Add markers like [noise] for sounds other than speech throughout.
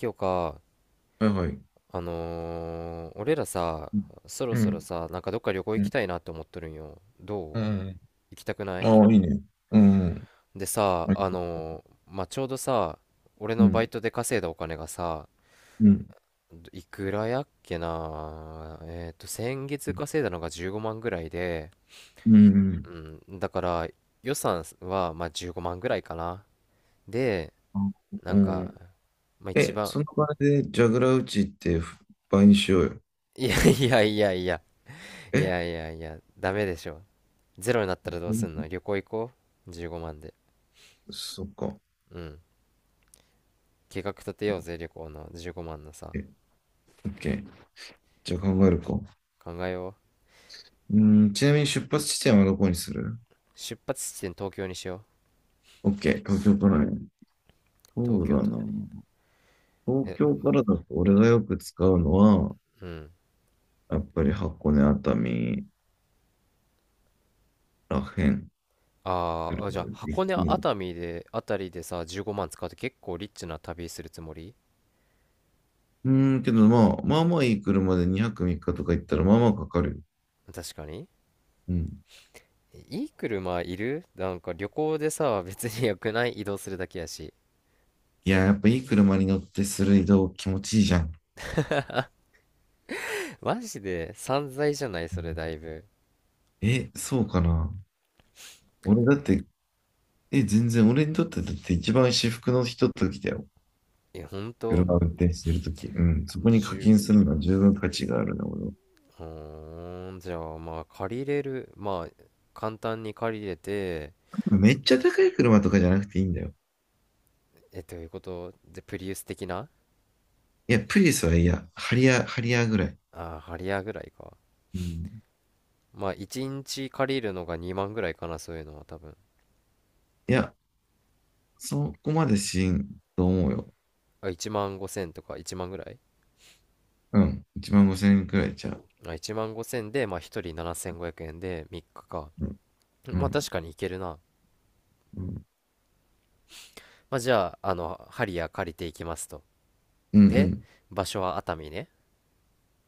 今日か、はいはい。俺らさ、そろうそろん。さ、なんかどっか旅行う行きん。たいなって思っとるんよ。どうう？ん。行きたくない？ああ、いいね。うん。で、さ、うん。まあ、ちょうどさ、俺うのバイん。トで稼いだお金がさ、うん。いくらやっけな、先月稼いだのが15万ぐらいで、うん。うん、だから予算は、まあ、15万ぐらいかな。で、なうんか、ん。まあ、一え、そ番、の場でジャグラー打ちって倍にしようよ。いやいやいやいや、いえ、やいやいや、ダメでしょ。ゼロになったらどうすんの？旅行行こう？ 15 万で。そっか。うん。計画立てようぜ、旅行の15万のさ。え、オッケー。じゃあ考えるか。考えようん、ちなみに出発地点はどこにする？う。出発地点東京にしよう。オッケー。東京からね。東そう京だ都な。のね。東え、京からだと俺がよく使うのは、うん。やっぱり箱根熱海らへん。あ来るーあ、かじゃらあ行箱根くの？熱海で、あたりでさ、15万使うと結構リッチな旅するつもり？うーん、けどまあ、まあまあいい車で2泊3日とか行ったらまあまあかかるよ。確かに。うん。いい車いる？なんか旅行でさ、別に良くない？移動するだけやし。いや、やっぱいい車に乗ってする移動気持ちいいじゃん。マジで散財じゃないうん。それだいぶ。え、そうかな。俺だって、え、全然俺にとってだって一番至福のひとときだよ。え、ほんと？車を運転してるとき。うん。そこに課10、金するのは十分価値があるな、俺は。うーん、じゃあまあ借りれる、まあ簡単に借りれて、めっちゃ高い車とかじゃなくていいんだよ。え、ということで、プリウス的な？いや、プリウスは嫌。ハリアー、ハリアーぐらい。ああ、ハリアーぐらいか。うん。まあ1日借りるのが2万ぐらいかな、そういうのは多分。いや、そこまでしんと思うよ。あ、1万5千とか1万ぐらい？うん。1万5千円くらいちゃう。あ、1万5千で、まあ1人7500円で3日かか。うん。うまあん。確かにいけるな。うん。まあじゃあ、ハリアー借りていきますと。うん。うで、ん、場所は熱海ね。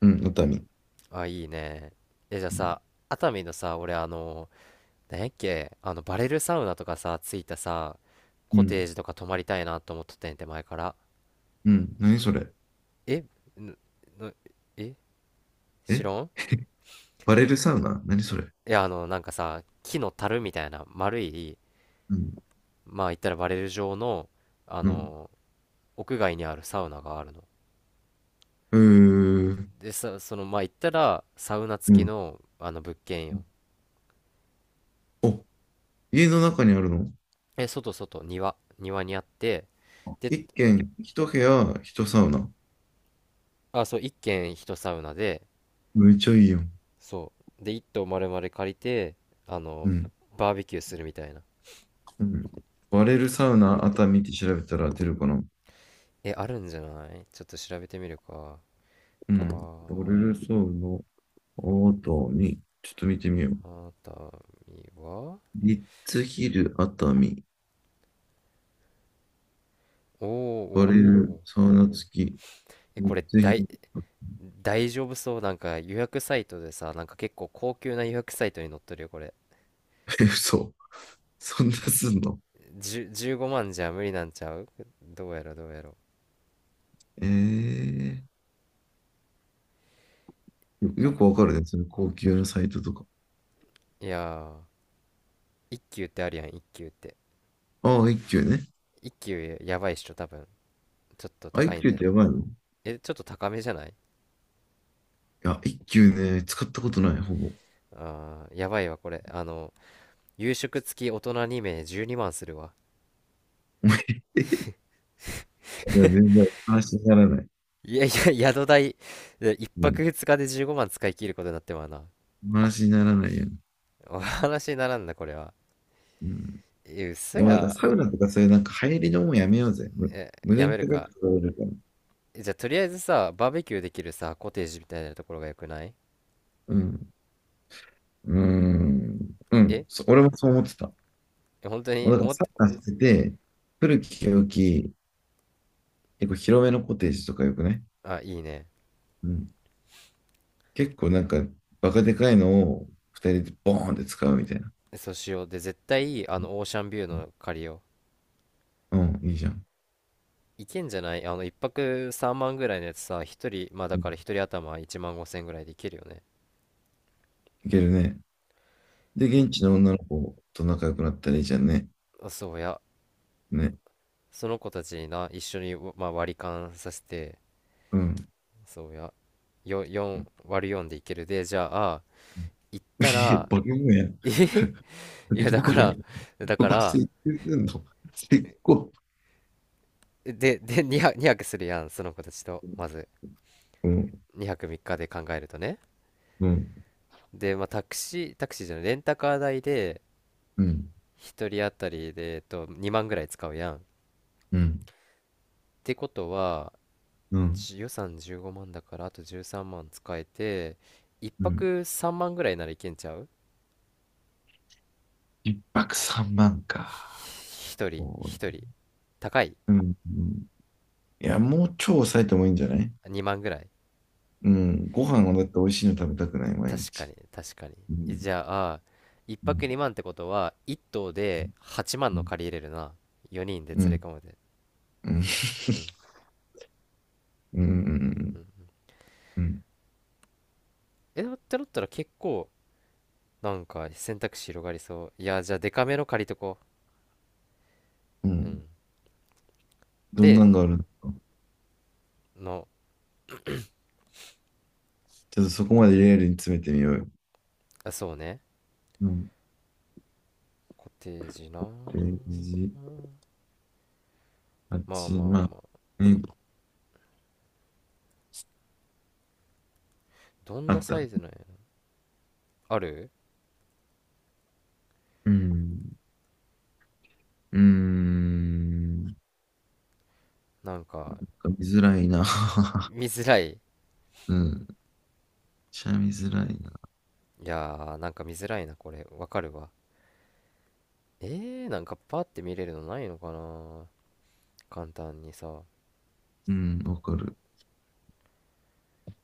うん熱海。あ、いいね。え、じゃあうん、さ、熱海のさ、俺なんやっけ、バレルサウナとかさ、ついたさ、うコテん、ージとか泊まりたいなと思っとってんて、前から。うん何それ？えぬぬええ、知らん。バレルサウナ何それ？いや、なんかさ、木の樽みたいな、丸い、うん、まあ、言ったらバレル状の、あうん。の、屋外にあるサウナがあるの。うー、で、さ、その、まあ、言ったら、サウナう付きん。の、物件よ。お、家の中にあるの？え、庭にあって、で、一軒、一部屋、一サウナ。あ、そう、一軒一サウナで、めっちゃいいよ。そうで一棟丸々借りてあうのん、バーベキューするみたいな。うん。バレルサウナ熱海って調べたら出るかな？えあるんじゃない？ちょっと調べてみるか。うバん。バレールレサウナ熱海。ちょっと見てみよう。熱海は。リッツヒル熱海。おーおーバおレールおー。サウナ付き。えリこッれツヒ大ル。大丈夫そう？なんか予約サイトでさ、なんか結構高級な予約サイトに載っとるよこれ。 [laughs] え、嘘。[laughs] そんなすんの？15万じゃ無理なんちゃう？どうやろどうやろ。ええ、よ、よくあ、わかるね。その高級のサイトとか。いやー一級ってあるやん、一級って。ああ、一休ね。一級やばいっしょ多分。ちょっとあ、一高いん休じっゃてやね？ばいの？いえ、ちょっと高めじゃない？や、一休ね、使ったことない、ほぼ。あーやばいわこれ夕食付き大人2名12万するわ。いや、全然話にならない。いやいや [laughs] 宿代で1う泊ん。2日で15万使い切ることになってまうな。話にならないよね。お話にならんなこれは。うん。え、い嘘や、まあだからや。サウナとかそういうなんか入りのもんやめようぜ。え、無駄やにめる高か。く取られるから。えじゃあとりあえずさ、バーベキューできるさコテージみたいなところがよくない？うん。うーん。うん。え俺もそう思ってた。え、本当もうにだから思っサて？ウナしてて、古き良き、結構広めのコテージとかよくね。あ、いいね。うん。結構なんか、バカでかいのを二人でボーンって使うみたいな。そうしようで、絶対いい、あのオーシャンビューの借りようん、いいじゃん。う。いけんじゃない？あの1泊3万ぐらいのやつさ、1人、まあだうん、から1人頭1万5千ぐらいでいけるよね。いけるね。で、現地の女の子と仲良くなったらいいじゃんね。あ、そうや、ね。その子たちにな一緒に、まあ、割り勘させて。うん。そうやよ、4割る4でいけるでじゃあ。行ったいやら。 バケモンや。[laughs] えへ。バいやケだモンや。からだこかこはら、設計すんの。結構、で、 2、 2泊するやんその子たちとまず。うん、2泊3日で考えるとね。うん、で、まあ、タクシータクシーじゃないレンタカー代でうん、1人当たりで、えっと、2万ぐらい使うやんっうん、てことは。うん。予算15万だからあと13万使えて、1うん。泊3万ぐらいならいけんちゃう？一泊三万か。一人そうね。一人高い？うん、うん。いや、もう超抑えてもいいんじゃない？2万ぐらい？うん。ご飯をだって美味しいの食べたくない、毎確か日。に確かに。うえん、じゃあ1う泊ん。2万ってことは1棟で8万うのん。借りれるな。4人でう連れん。込むで。うん。うん、ううん。ん。うん。えってなったら結構なんか選択肢広がりそう、いやじゃあデカめの借りとこ。うううん。ん。どんで、なんがあるのか。の、ちょっとそこまでリアルに詰めてみようよ。あ、そうね。うん。コテージな。ページうん、まあ8、まあまあ、まあ。うん。どんあなっサた。イズなんやろ。ある？うん。うーん。なんなんかか見づらいな。[laughs] 見づらい。いうん。しゃみづらいな。やーなんか見づらいな、これわかるわ。えー、なんかパーって見れるのないのかな、簡単にさ。うん。わかる。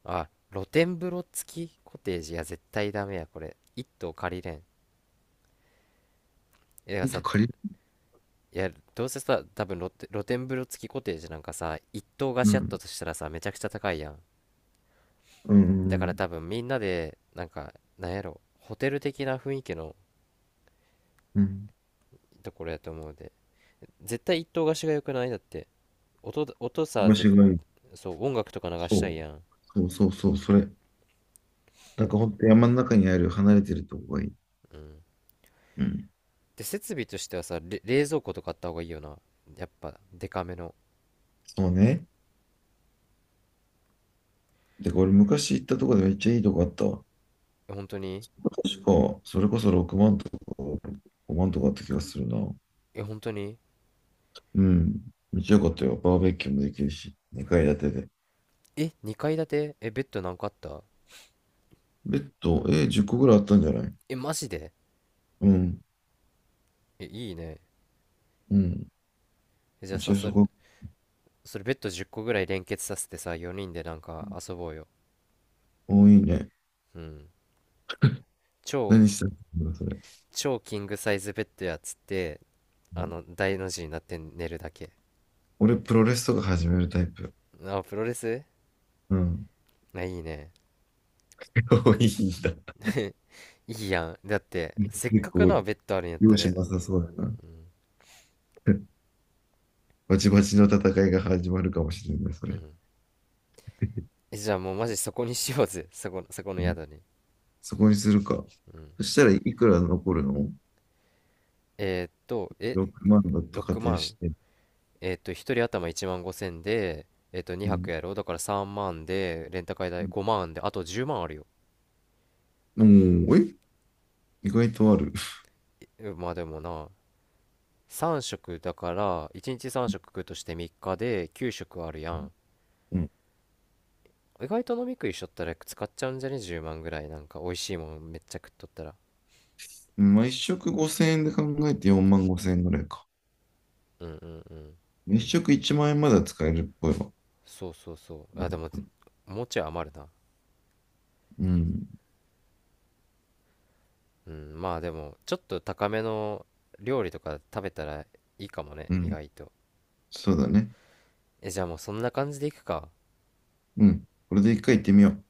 あ、露天風呂付きコテージ、いや絶対ダメや、これ一棟借りれん。いや糸さ、と、借りる、いやどうせさ、多分露天風呂付きコテージなんかさ一棟貸うしやったん。としたらさ、めちゃくちゃ高いやん。うん。うだからん。多分みんなでなんか、なんやろ、ホテル的な雰囲気のうん。ところやと思うで、絶対一棟貸しが良くない。だって音さ場ぜ。所がいい。そう、音楽とか流したいそう。やん。そうそうそう。それ。なんかほんと山の中にある離れてるとこがいい。うん。うん。で、設備としてはさ、冷蔵庫とかあった方がいいよな。やっぱ、デカめの。そうね。で、これ昔行ったとこでめっちゃいいとこあったわ。え、本当に？確か、それこそ6万とか5万とかあった気がするな。え、本当に？うん。めっちゃ良かったよ。バーベキューもできるし、2階建てで。え、2階建て？え、ベッド何個あった？ベッド、え、10個ぐらいあったんじゃない？え、マジで？うん。え、いいね。うん。えじゃあめっちさ、ゃそそれ、こ、それベッド10個ぐらい連結させてさ、4人でなんか遊ぼうよ。多いね。うん。超、何したのそれ。超キングサイズベッドやっつって、うん。大の字になって寝るだけ。俺、プロレスとか始めるタイプ。あ、プロレス？うん。あ、いいね。[laughs] 多いんだ。[laughs] いいやん。だって、せっ結かく構、なベッドあるんやった容ら、赦なさうそうだな。ん、[laughs] バチバチの戦いが始まるかもしれない、そうれ。ん。えじゃあもうマジそこにしようぜ。[laughs] そこの、そこのうん。宿に。そこにするか。うん。そしたらいくら残るの？ えーっと、え、6万だと仮6定万して。えーっと、一人頭1万5千で、えーっと、う2泊ん。やろう。だから3万で、レンタカー代5万で、あと10万あるよ。おー、え、意外とある。えまあでもな、3食だから、1日3食食うとして3日で9食あるやん。うん。意外と飲み食いしとったら使っちゃうんじゃね？ 10 万ぐらい。なんか美味しいもんめっちゃ食っとったら。まあ、一食5000円で考えて4万5000円ぐらいか。うん、うん、うん。一食1万円まだ使えるっぽいわ。そう、そう、そう。あ、でも、もうちょい余るな。うん。うん、まあでも、ちょっと高めの料理とか食べたらいいかもね、う意ん。外と。そうだね。え、じゃあもうそんな感じでいくか。うん。これで一回行ってみよう。